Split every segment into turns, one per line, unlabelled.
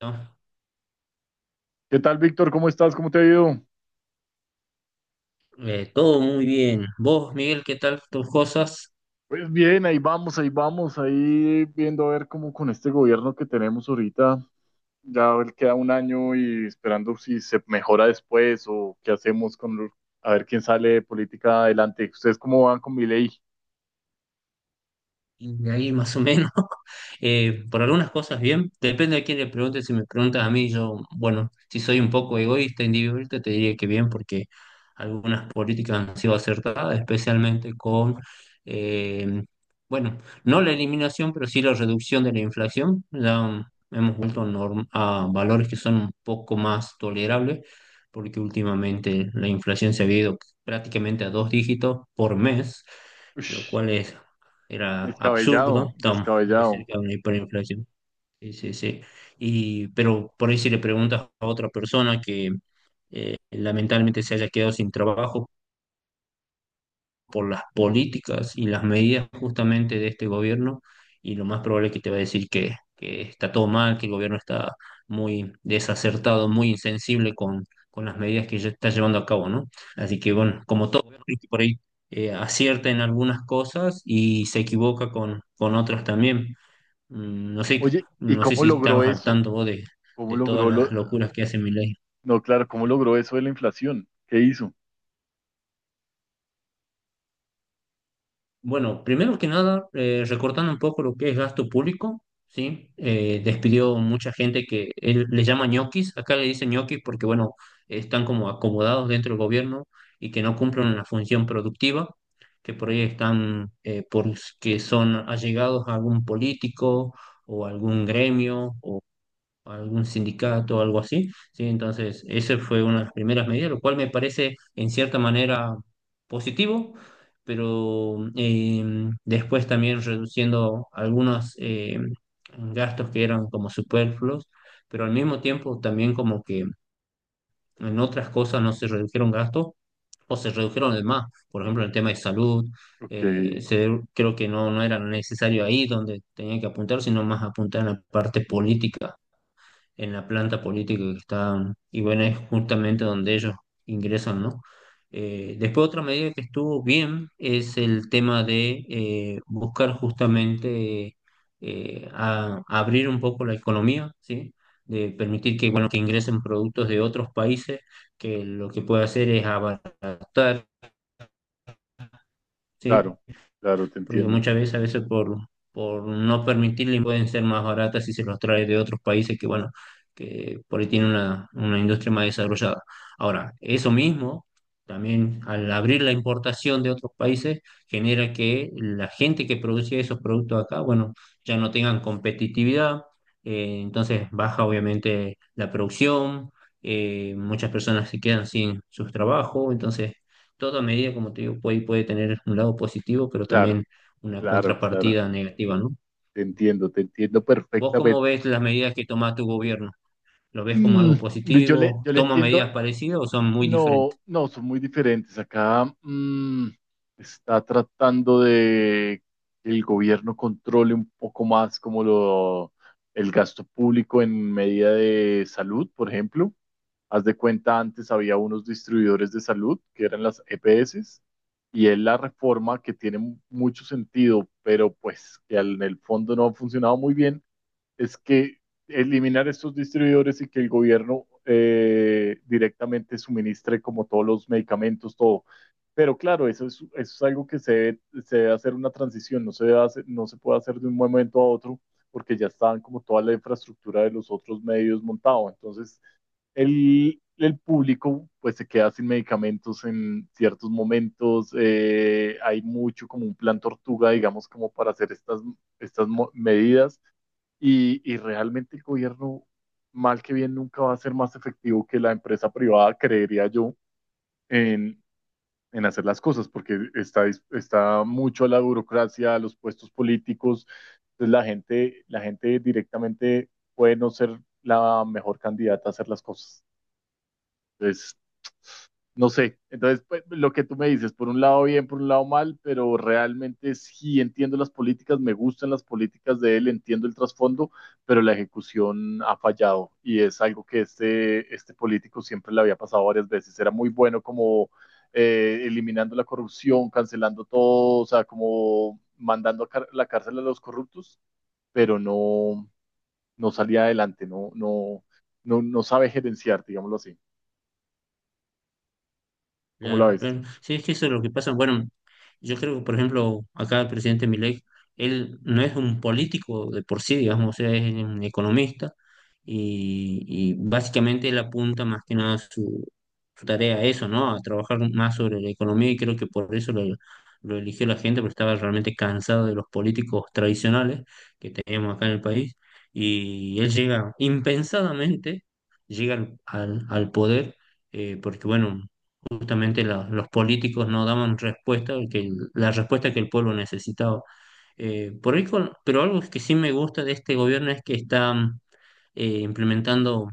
¿No?
¿Qué tal, Víctor? ¿Cómo estás? ¿Cómo te ha ido?
Todo muy bien. Vos, Miguel, ¿qué tal tus cosas?
Pues bien, ahí vamos, ahí vamos, ahí viendo a ver cómo con este gobierno que tenemos ahorita, ya a ver, queda un año y esperando si se mejora después o qué hacemos a ver quién sale de política adelante. ¿Ustedes cómo van con mi ley?
Y de ahí más o menos. Por algunas cosas bien, depende de quién le pregunte. Si me preguntas a mí, yo, bueno, si soy un poco egoísta, individualista, te diría que bien, porque algunas políticas han sido acertadas, especialmente con, eh, bueno, no la eliminación, pero sí la reducción de la inflación. Ya hemos vuelto a valores que son un poco más tolerables, porque últimamente la inflación se ha ido prácticamente a dos dígitos por mes, lo cual es era absurdo,
Descabellado,
estamos muy
descabellado.
cerca de una hiperinflación. Sí, sí, sí. Pero por ahí si le preguntas a otra persona que lamentablemente se haya quedado sin trabajo, por las políticas y las medidas justamente de este gobierno, y lo más probable es que te va a decir que está todo mal, que el gobierno está muy desacertado, muy insensible con las medidas que ya está llevando a cabo, ¿no? Así que bueno, como todo gobierno, viste, por ahí acierta en algunas cosas y se equivoca con otras también. Mm, No sé,
Oye, ¿y
no sé
cómo
si
logró
estabas al
eso?
tanto vos
¿Cómo
de todas
logró lo...
las locuras que hace mi
No, claro, ¿cómo logró eso de la inflación? ¿Qué hizo?
Bueno, primero que nada, recortando un poco lo que es gasto público, ¿sí? Despidió mucha gente que él le llama ñoquis. Acá le dicen ñoquis porque, bueno, están como acomodados dentro del gobierno y que no cumplen una función productiva, que por ahí están, porque son allegados a algún político o algún gremio, algún sindicato o algo así, ¿sí? Entonces, esa fue una de las primeras medidas, lo cual me parece en cierta manera positivo, pero después también reduciendo algunos gastos que eran como superfluos, pero al mismo tiempo también como que en otras cosas no se redujeron gastos o se redujeron de más, por ejemplo, en el tema de salud.
Ok,
Creo que no, no era necesario ahí donde tenía que apuntar, sino más apuntar en la parte política, en la planta política que está, y bueno, es justamente donde ellos ingresan, ¿no? Después otra medida que estuvo bien es el tema de buscar justamente abrir un poco la economía, ¿sí? De permitir que, bueno, que ingresen productos de otros países, que lo que puede hacer es abaratar, ¿sí?
claro, claro, te
Porque
entiendo.
muchas veces, a veces por no permitirle, pueden ser más baratas si se los trae de otros países que, bueno, que por ahí tienen una industria más desarrollada. Ahora, eso mismo, también al abrir la importación de otros países, genera que la gente que producía esos productos acá, bueno, ya no tengan competitividad. Entonces baja obviamente la producción, muchas personas se quedan sin sus trabajos. Entonces, toda medida, como te digo, puede, puede tener un lado positivo, pero
Claro,
también una
claro, claro,
contrapartida negativa, ¿no?
te entiendo
¿Vos cómo
perfectamente.
ves las medidas que toma tu gobierno? ¿Lo ves como
Mm,
algo
yo le,
positivo?
yo le
¿Toma
entiendo,
medidas parecidas o son muy
no,
diferentes?
no, son muy diferentes. Acá mm, está tratando de que el gobierno controle un poco más el gasto público en medida de salud, por ejemplo. Haz de cuenta, antes había unos distribuidores de salud que eran las EPS, y es la reforma que tiene mucho sentido, pero pues en el fondo no ha funcionado muy bien, es que eliminar estos distribuidores y que el gobierno directamente suministre como todos los medicamentos, todo. Pero claro, eso es algo que se debe hacer una transición, no se puede hacer de un momento a otro porque ya estaban como toda la infraestructura de los otros medios montado. Entonces, el público pues se queda sin medicamentos en ciertos momentos. Hay mucho como un plan tortuga, digamos, como para hacer medidas y realmente el gobierno, mal que bien, nunca va a ser más efectivo que la empresa privada, creería yo, en, en hacer las cosas, porque está mucho a la burocracia, a los puestos políticos, entonces la gente directamente puede no ser la mejor candidata a hacer las cosas. Entonces, no sé, entonces pues, lo que tú me dices, por un lado bien, por un lado mal, pero realmente sí entiendo las políticas, me gustan las políticas de él, entiendo el trasfondo, pero la ejecución ha fallado y es algo que este político siempre le había pasado varias veces. Era muy bueno como eliminando la corrupción, cancelando todo, o sea, como la cárcel a los corruptos, pero no, no salía adelante, no, no, no, no sabe gerenciar, digámoslo así. ¿Cómo la
Claro,
ves?
claro. Sí, es que eso es lo que pasa. Bueno, yo creo que, por ejemplo, acá el presidente Milei, él no es un político de por sí, digamos, o sea, es un economista, y básicamente él apunta más que nada su, su tarea a eso, ¿no? A trabajar más sobre la economía, y creo que por eso lo eligió la gente, porque estaba realmente cansado de los políticos tradicionales que tenemos acá en el país, y él llega impensadamente, llega al poder, porque bueno, justamente los políticos no daban respuesta, que la respuesta que el pueblo necesitaba. Por ahí pero algo que sí me gusta de este gobierno es que está implementando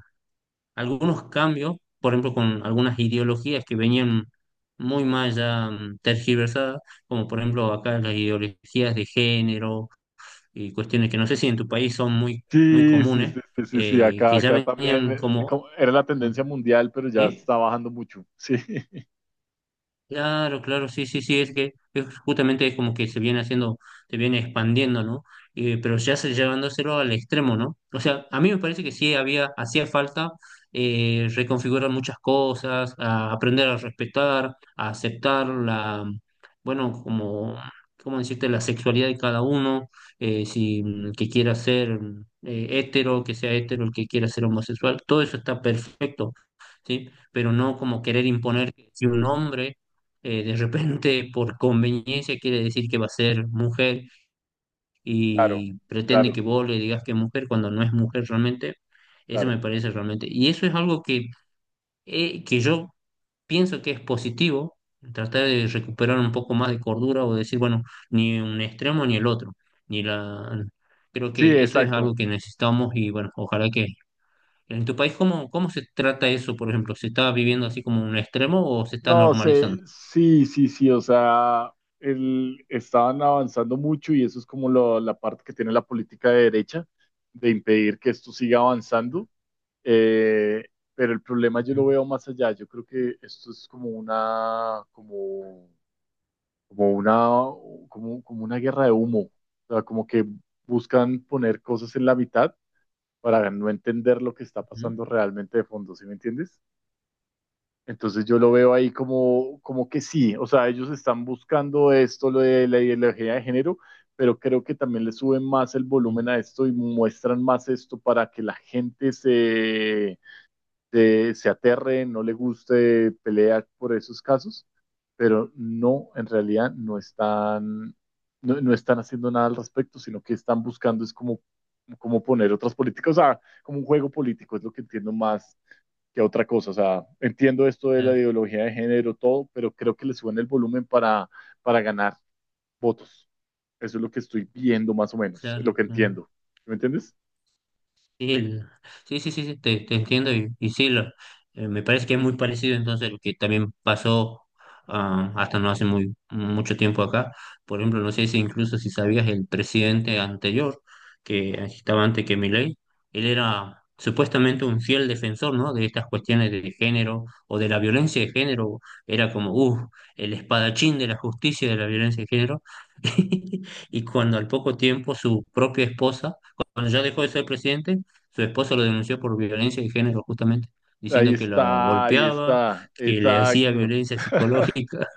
algunos cambios, por ejemplo, con algunas ideologías que venían muy mal ya tergiversadas, como por ejemplo acá las ideologías de género y cuestiones que no sé si en tu país son muy, muy
Sí, sí, sí,
comunes,
sí, sí, sí, acá,
que ya
acá también
venían como...
era la tendencia mundial, pero ya
¿sí?
está bajando mucho. Sí,
Claro, claro, sí, sí, sí, es que es justamente es como que se viene haciendo, se viene expandiendo, ¿no? Pero ya se llevándoselo al extremo, ¿no? O sea, a mí me parece que sí había, hacía falta reconfigurar muchas cosas, a aprender a respetar, a aceptar bueno, como, ¿cómo decirte? La sexualidad de cada uno. Si mm, que quiera ser hétero, que sea hetero; el que quiera ser homosexual, todo eso está perfecto, ¿sí? Pero no como querer imponer que si un hombre, de repente por conveniencia, quiere decir que va a ser mujer
claro,
y pretende que
claro,
vos le digas que es mujer cuando no es mujer realmente. Eso me
claro.
parece realmente. Y eso es algo que yo pienso que es positivo, tratar de recuperar un poco más de cordura o decir, bueno, ni un extremo ni el otro. Ni la... Creo
Sí,
que eso es algo
exacto.
que necesitamos, y bueno, ojalá que... En tu país, ¿cómo se trata eso, por ejemplo? ¿Se está viviendo así como un extremo o se está
No sé,
normalizando?
sí, sí, sí, o sea, el, estaban avanzando mucho y eso es la parte que tiene la política de derecha, de impedir que esto siga avanzando. Eh, pero el problema yo lo
Ujú,
veo más allá. Yo creo que esto es como una, como una guerra de humo. O sea, como que buscan poner cosas en la mitad para no entender lo que está
ujú,
pasando realmente de fondo, ¿sí me entiendes? Entonces yo lo veo ahí como, como que sí, o sea, ellos están buscando esto, lo de la ideología de género, pero creo que también le suben más el
sí.
volumen a esto y muestran más esto para que se aterre, no le guste, pelea por esos casos, pero no, en realidad no están, no, no están haciendo nada al respecto, sino que están buscando es como, como poner otras políticas, o sea, como un juego político, es lo que entiendo más que otra cosa, o sea, entiendo esto de la
Claro.
ideología de género, todo, pero creo que le suben el volumen para ganar votos. Eso es lo que estoy viendo más o menos, es lo
Claro.
que
Ujú.
entiendo. ¿Me entiendes?
Sí, sí, sí, sí, sí, te entiendo. Y sí, me parece que es muy parecido entonces lo que también pasó hasta no hace muy mucho tiempo acá. Por ejemplo, no sé si incluso si sabías, el presidente anterior, que estaba antes que Milei, él era supuestamente un fiel defensor, ¿no?, de estas cuestiones de género o de la violencia de género. Era como, el espadachín de la justicia y de la violencia de género. Y cuando al poco tiempo su propia esposa, cuando ya dejó de ser presidente, su esposo lo denunció por violencia de género, justamente, diciendo que la
Ahí
golpeaba,
está,
que le hacía
exacto.
violencia psicológica.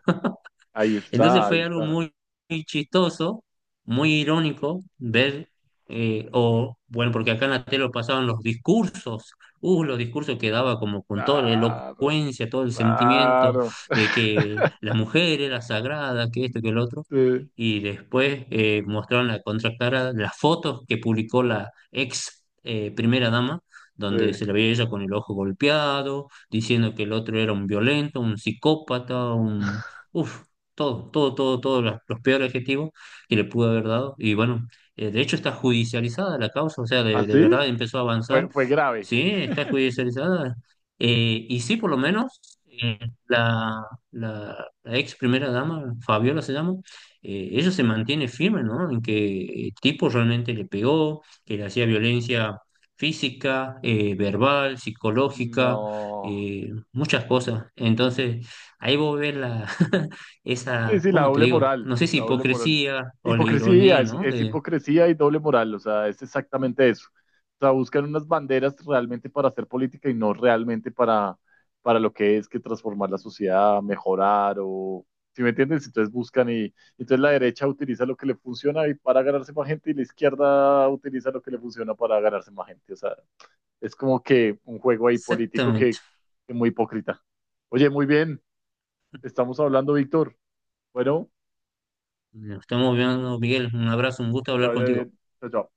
Ahí
Entonces
está, ahí
fue algo
está.
muy, muy chistoso, muy irónico ver, o bueno, porque acá en la tele lo pasaban los discursos que daba como con toda la
Claro,
elocuencia, todo el sentimiento
claro.
de que la mujer era sagrada, que esto, que el otro.
Sí,
Y después mostraron la contracara, las fotos que publicó la ex primera dama, donde se la veía ella con el ojo golpeado, diciendo que el otro era un violento, un psicópata, uf, todo, todo, todo, todos los peores adjetivos que le pudo haber dado. Y bueno, de hecho está judicializada la causa, o sea,
¿ah, sí?
de
¿Así?
verdad empezó a
Fue,
avanzar.
fue grave.
Sí, está judicializada. Y sí, por lo menos eh, la, la ex primera dama, Fabiola se llama, ella se mantiene firme, ¿no? En que el tipo realmente le pegó, que le hacía violencia física, verbal, psicológica,
No.
muchas cosas. Entonces, ahí vos ves
Sí,
esa,
sí, la
¿cómo te
doble
digo?
moral,
No sé si
la doble moral.
hipocresía o la
Hipocresía,
ironía, ¿no?
es hipocresía y doble moral, o sea, es exactamente eso. O sea, buscan unas banderas realmente para hacer política y no realmente para lo que es que transformar la sociedad, mejorar o... ¿Sí me entiendes? Entonces buscan y entonces la derecha utiliza lo que le funciona y para ganarse más gente y la izquierda utiliza lo que le funciona para ganarse más gente. O sea, es como que un juego ahí político
Exactamente.
que muy hipócrita. Oye, muy bien, estamos hablando, Víctor. Bueno.
Nos estamos viendo, Miguel. Un abrazo, un gusto
Que te
hablar
vaya
contigo.
bien. Chao, chao.